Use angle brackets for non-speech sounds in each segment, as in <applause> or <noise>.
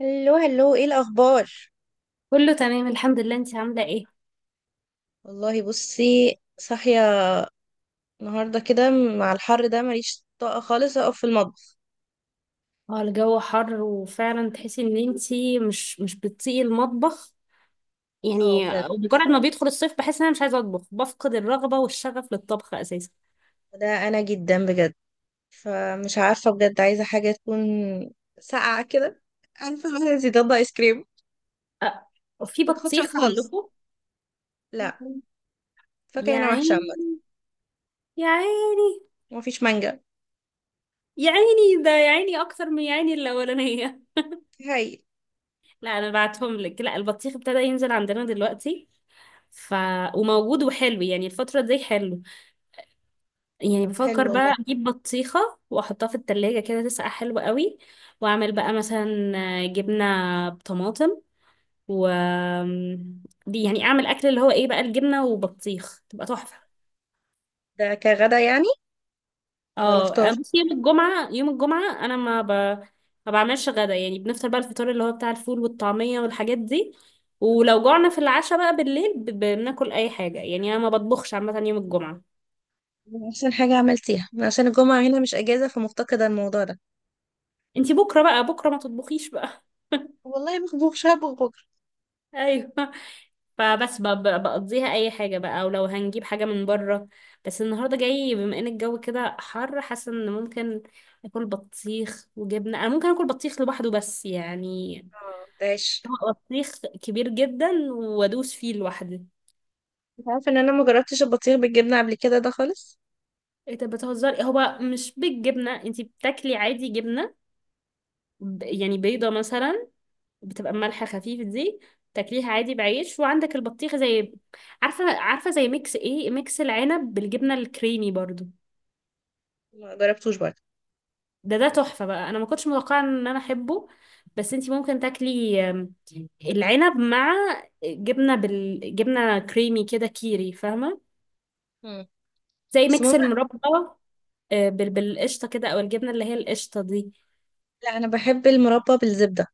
الو، هلو، ايه الاخبار؟ كله تمام الحمد لله انتي عاملة ايه؟ والله بصي، صاحيه النهارده كده، مع الحر ده ماليش طاقه خالص اقف في المطبخ. اه الجو حر وفعلا تحسي ان انتي مش بتطيقي المطبخ. اه يعني بجد، مجرد ما بيدخل الصيف بحس ان انا مش عايزة اطبخ، بفقد الرغبة والشغف للطبخ اساسا. ده انا جدا بجد، فمش عارفه بجد، عايزه حاجه تكون ساقعه كده، عارفه مثلا زي ضد ايس كريم، اه، في ما تاخدش وقت بطيخ خالص. عندكم؟ لا، يا فاكهه هنا وحشه عامه، عيني، يا عيني. مفيش مانجا. يا عيني ده، يا عيني اكتر من يا عيني الاولانية. هاي. <laughs> لا، انا بعتهم لك. لا، البطيخ ابتدى ينزل عندنا دلوقتي ف وموجود وحلو، يعني الفترة دي حلو. يعني طب حلو بفكر والله. بقى اجيب بطيخة واحطها في التلاجة كده تسقع حلو قوي. واعمل بقى مثلا جبنة بطماطم و دي، يعني اعمل اكل اللي هو ايه بقى، الجبنة وبطيخ تبقى تحفة. ده كغدا يعني ولا فطار؟ اه، بس يوم الجمعة، يوم الجمعة، انا ما بعملش غدا. يعني بنفطر بقى، الفطار اللي هو بتاع الفول والطعمية والحاجات دي. ولو جوعنا في العشاء بقى بالليل بناكل اي حاجة. يعني انا ما بطبخش عامة يوم الجمعة. احسن حاجه عملتيها، عشان الجمعه هنا مش اجازه، فمفتقده الموضوع ده. انتي بكرة بقى، بكرة ما تطبخيش بقى. والله مخبوخ شاب بكره. <laughs> ايوه. فبس بقضيها اي حاجه بقى، او لو هنجيب حاجه من بره. بس النهارده جاي، بما ان الجو كده حر، حاسه ان ممكن اكل بطيخ وجبنه، انا ممكن اكل بطيخ لوحده، بس يعني اه، ده عيش. طبق بطيخ كبير جدا وادوس فيه لوحدي. انت عارفه ان انا ما جربتش البطيخ بالجبنه قبل كده ده خالص، ايه ده، بتهزري؟ هو مش بالجبنه، انتي بتاكلي عادي جبنه، يعني بيضه مثلا، بتبقى ملح خفيف دي، تاكليها عادي بعيش وعندك البطيخ. زي عارفه زي ميكس، ايه، ميكس العنب بالجبنه الكريمي برضو. ما جربتوش برضه. ده تحفة بقى، انا ما كنتش متوقعة ان انا احبه. بس انتي ممكن تاكلي العنب مع جبنة جبنة كريمي كده، كيري، فاهمة؟ مم. زي بس ميكس ماما، المربى، بالقشطة كده، او الجبنة اللي هي القشطة دي. لا انا بحب المربى بالزبده.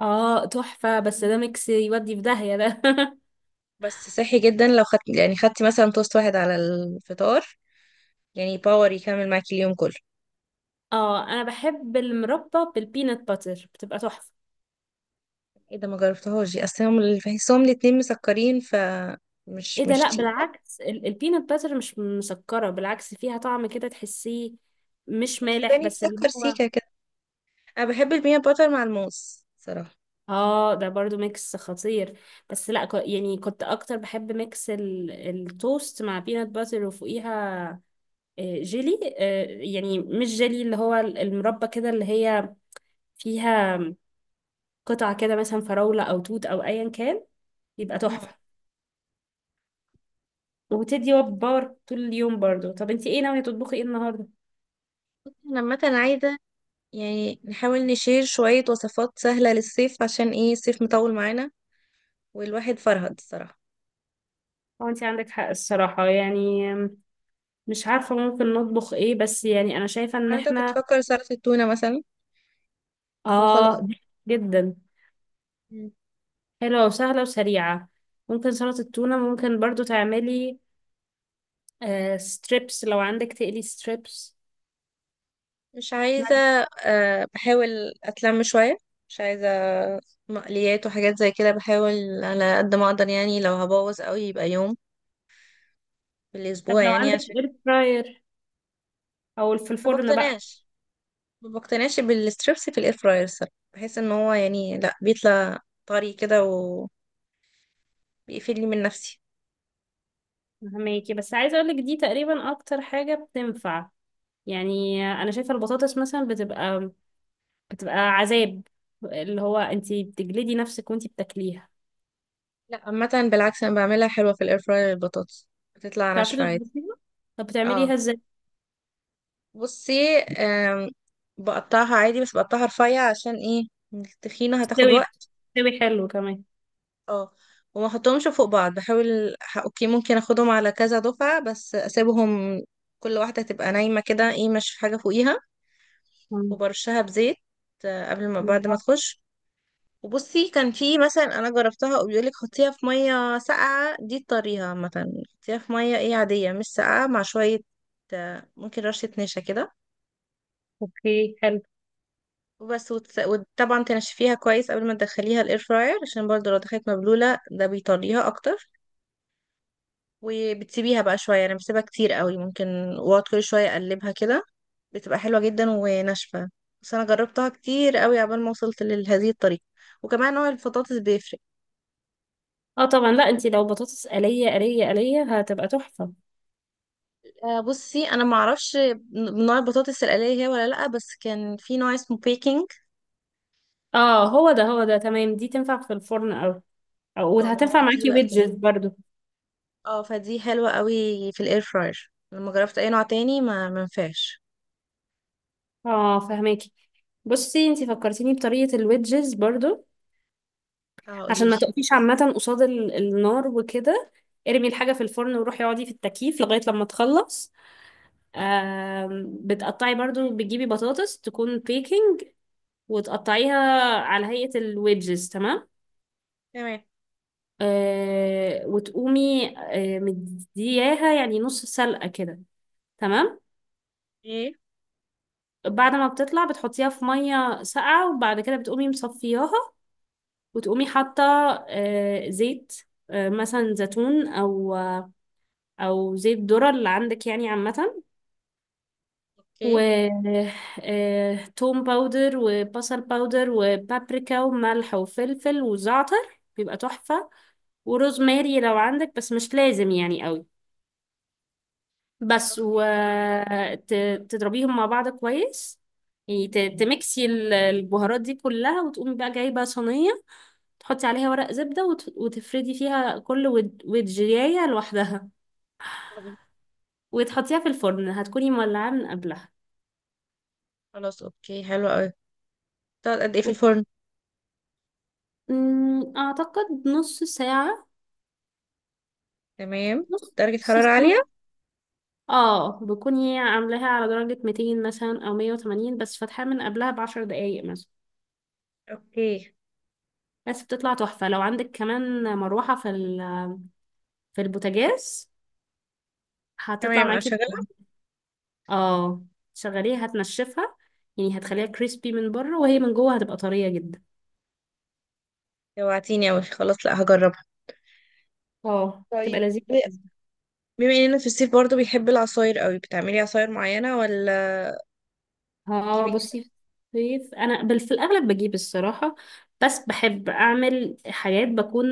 اه تحفة، بس ده ميكس يودي في داهية ده. بس صحي جدا لو خدت يعني خدتي مثلا توست واحد على الفطار، يعني باور يكمل معاكي اليوم كله. <laughs> اه انا بحب المربى بالبينات باتر، بتبقى تحفة. ايه ده، ما جربتهاش دي، اصل هم بحسهم الاتنين مسكرين، ايه مش ده، مش لا تقيله. بالعكس، البينات باتر مش مسكرة، بالعكس فيها طعم كده تحسيه مش الفول مالح السوداني بس اللي مسكر هو. سيكه كده. انا بحب البينات باتر مع الموز صراحه. اه، ده برضو ميكس خطير. بس لا، يعني كنت اكتر بحب ميكس التوست مع بينات باتر، وفوقيها جيلي. يعني مش جيلي، اللي هو المربى كده، اللي هي فيها قطع كده، مثلا فراولة او توت او ايا كان. يبقى مم. تحفة. وبتدي باور طول اليوم برضو. طب انتي ايه ناوية تطبخي ايه النهاردة؟ انا عامه عايزه، يعني نحاول نشير شويه وصفات سهله للصيف، عشان ايه الصيف مطول معانا، والواحد فرهد الصراحة. هو انتي عندك حق الصراحة، يعني مش عارفة ممكن نطبخ ايه، بس يعني انا شايفة ان انا ده كنت احنا بفكر سلطة التونة مثلا، وخلاص. اه جدا مم. حلوة وسهلة وسريعة. ممكن سلطة التونة، ممكن برضو تعملي ستريبس لو عندك، تقلي ستريبس. مش عايزة. بحاول أتلم شوية، مش عايزة مقليات وحاجات زي كده، بحاول على قد ما أقدر يعني، لو هبوظ قوي يبقى يوم في طب الأسبوع لو يعني عندك عشان... اير فراير، او في ما الفرن بقى. بقتنعش ما بقتنعش بالستريبس في الإير فراير الصراحة، بحس إن هو يعني لأ، بيطلع طري كده، وبيقفلني من نفسي. فهماكي، بس عايزة اقولك دي تقريبا اكتر حاجة بتنفع. يعني انا شايفة البطاطس مثلا بتبقى عذاب، اللي هو انتي بتجلدي نفسك وانتي بتاكليها. لأ عامة بالعكس، أنا بعملها حلوة في الإير فراير، البطاطس بتطلع تعرفي ناشفة عادي. تظبطيها؟ طب اه بتعمليها ازاي؟ بصي، بقطعها عادي، بس بقطعها رفيع عشان ايه التخينة هتاخد بتستوي وقت. بتستوي حلو كمان. اه، وما احطهمش فوق بعض، بحاول اوكي ممكن اخدهم على كذا دفعة، بس اسيبهم كل واحدة تبقى نايمة كده، ايه مش حاجة فوقيها. مم. وبرشها بزيت قبل ما بعد ما تخش. وبصي كان في مثلا انا جربتها وبيقولك حطيها في مية ساقعة، دي الطريقة عامة، حطيها في مية ايه عادية مش ساقعة مع شوية، ممكن رشة نشا كده. اوكي، حلو. وبس، وطبعا تنشفيها كويس قبل ما تدخليها الاير فراير، عشان برضو لو دخلت مبلولة ده بيطريها اكتر. وبتسيبيها بقى شوية، انا بسيبها كتير قوي، ممكن واقعد كل شوية اقلبها كده، بتبقى حلوة جدا وناشفة. بس انا جربتها كتير قوي عبال ما وصلت لهذه الطريقة، وكمان نوع البطاطس بيفرق. اه طبعا، لا انتي لو بطاطس قلية قلية قلية هتبقى تحفة. بصي انا ما اعرفش نوع البطاطس الآلية هي ولا لا، بس كان في نوع اسمه بيكنج. اه هو ده، هو ده تمام، دي تنفع في الفرن، او او اه، ما هو وهتنفع دي معاكي بقى بتنفع. ويدجز برضو. اه، فدي حلوة قوي في الاير فراير، لما جربت اي نوع تاني ما منفعش. اه فهماكي. بصي انتي فكرتيني بطريقة الويدجز برضو، اه عشان قوليلي. ما تقفيش عامة قصاد النار وكده. ارمي الحاجة في الفرن وروحي اقعدي في التكييف لغاية لما تخلص. بتقطعي برضو، بتجيبي بطاطس تكون بيكنج، وتقطعيها على هيئة الويدجز، تمام. تمام. وتقومي مدياها يعني نص سلقة كده، تمام. ايه. بعد ما بتطلع بتحطيها في مية ساقعة، وبعد كده بتقومي مصفياها، وتقومي حاطة زيت، مثلا زيتون، او زيت ذرة اللي عندك يعني عامة. اوكي، و توم باودر وبصل باودر وبابريكا وملح وفلفل وزعتر بيبقى تحفة. وروزماري لو عندك، بس مش لازم يعني قوي. بس اوكي. وتضربيهم مع بعض كويس، يعني تمكسي البهارات دي كلها، وتقومي بقى جايبة صينية تحطي عليها ورق زبدة، وتفردي فيها كل ودجاية لوحدها، تمام. وتحطيها في الفرن هتكوني مولعاه من قبلها. خلاص اوكي حلو قوي. تقعد قد ايه في وت... الفرن؟ مم، أعتقد نص ساعة. تمام. نص درجة حرارة ساعة، عالية. اه، بكوني عاملاها على درجة 200 مثلا أو 180، بس فاتحاها من قبلها ب10 دقايق مثلا. اوكي. بس بتطلع تحفة لو عندك كمان مروحة في البوتاجاز هتطلع تمام، انا معاكي بقى. شغالة. اه شغليها هتنشفها، يعني هتخليها كريسبي من بره، وهي من جوه هتبقى طرية جدا. جوعتيني اوي، خلاص لا هجربها. اه تبقى طيب، لذيذة جدا. بما اننا في الصيف برضو بيحب العصاير قوي، بتعملي عصاير معينة ولا اه بتجيبي؟ بصي، في الصيف انا في الاغلب بجيب الصراحة، بس بحب اعمل حاجات بكون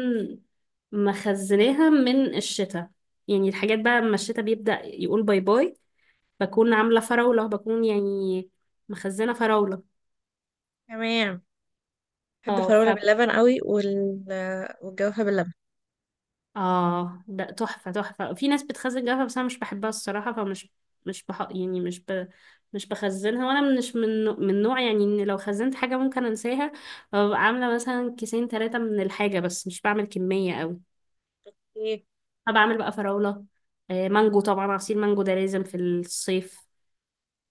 مخزناها من الشتاء. يعني الحاجات بقى لما الشتاء بيبدأ يقول باي باي بكون عاملة فراولة، بكون يعني مخزنة فراولة. تمام. بحب اه الفراولة باللبن قوي والجوافة باللبن. اه ده تحفة، تحفة. في ناس بتخزن جافة، بس انا مش بحبها الصراحة، فمش مش بح... يعني مش ب... مش بخزنها. وانا مش من نوع يعني، ان لو خزنت حاجة ممكن انساها، ببقى عاملة مثلا كيسين ثلاثة من الحاجة بس مش بعمل كمية قوي. ايه انا بعمل بقى فراولة، مانجو طبعا، عصير مانجو ده لازم في الصيف.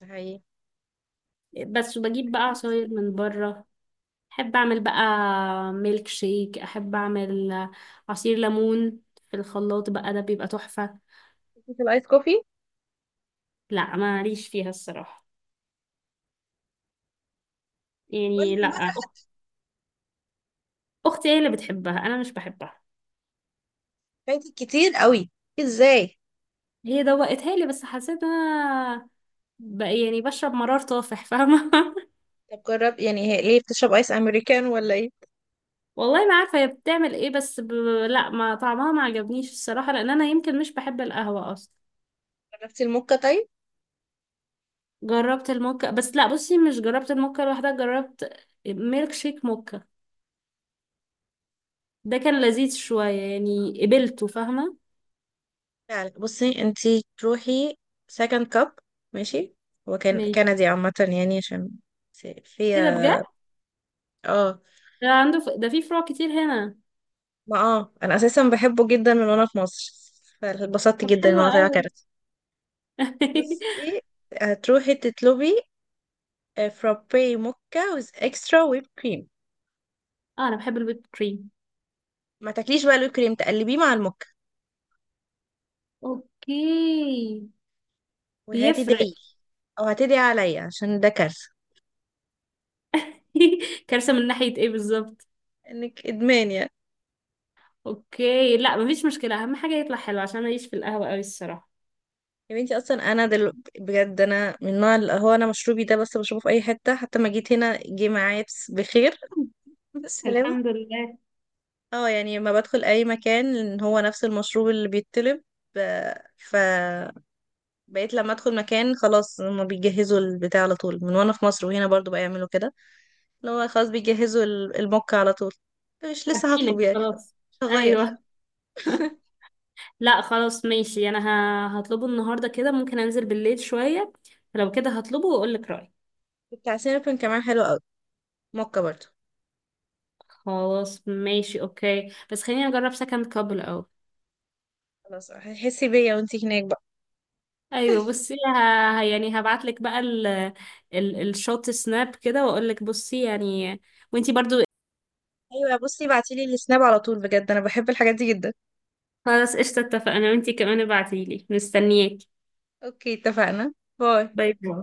ده حقيقي. بس بجيب أنا بقى عصاير عكسك. من بره، احب اعمل بقى ميلك شيك، احب اعمل عصير ليمون في الخلاط بقى، ده بيبقى تحفة. ليكي في الايس كوفي؟ لا ماليش فيها الصراحة، ولا يعني لا، بقى؟ اختي هي اللي بتحبها، انا مش بحبها. فايتك كتير قوي. ازاي؟ هي دوقتها لي بس حسيت إن انا يعني بشرب مرار طافح، فاهمه؟ <laughs> طب جرب، يعني هي ليه بتشرب ايس امريكان ولا ايه؟ والله ما عارفه هي بتعمل ايه، بس لا، ما طعمها ما عجبنيش الصراحه، لان انا يمكن مش بحب القهوه اصلا. جربتي الموكا طيب؟ جربت الموكا، بس لا بصي مش جربت الموكا لوحدها، جربت ميلك شيك موكا، ده كان لذيذ شويه يعني، قبلته فاهمه. فعلا. بصي انتي تروحي سكند كاب. ماشي. هو كان ماشي. كندي عامة يعني عشان ايه ده، بجد؟ فيها. اه، ده في فروع كتير هنا. ما انا اساسا بحبه جدا من وانا في مصر، فاتبسطت طب جدا ان حلوة هو طلع كندي. قوي. <laughs> بصي، هتروحي تطلبي فرابي موكا ويز اكسترا ويب كريم. اه انا بحب الويب كريم. ما تاكليش بقى الويب كريم، تقلبيه مع الموكا، اوكي، بيفرق. وهتدعي، او هتدعي عليا عشان ده كارثة. <laughs> كارثة من ناحية ايه بالظبط؟ انك ادمان يعني. اوكي، لا مفيش مشكلة، اهم حاجة يطلع حلو عشان اعيش في القهوة قوي الصراحة. يا بنتي اصلا انا بجد انا من النوع اللي هو انا مشروبي ده بس بشربه في اي حته، حتى ما جيت هنا جه معايا بخير. <laughs> بالسلامه. الحمد لله. اه يعني لما بدخل اي مكان ان هو نفس المشروب اللي بيتطلب، فبقيت لما ادخل مكان خلاص هما بيجهزوا البتاع على طول من وانا في مصر، وهنا برضو بيعملوا كده. اللي هو خلاص بيجهزوا الموكا على طول، مش لسه عارفينك هطلب يعني، خلاص. مش هغير. ايوه. <laughs> لا خلاص ماشي، انا هطلبه النهاردة كده، ممكن انزل بالليل شوية، لو كده هطلبه واقول لك رأيي. بتاع سينابون كمان حلو قوي، موكا برضو. خلاص ماشي اوكي، بس خليني اجرب سكند كاب الاول. خلاص، هتحسي بيا وانتي هناك بقى. ايوه بصي، يعني هبعت لك بقى الشوت سناب كده، واقول لك، بصي يعني، وانتي برضو. ايوه بصي، بعتيلي السناب على طول بجد، انا بحب الحاجات دي جدا. خلاص قشطة اتفقنا، وانتي كمان ابعتيلي، مستنياكي. اوكي اتفقنا. باي. باي باي.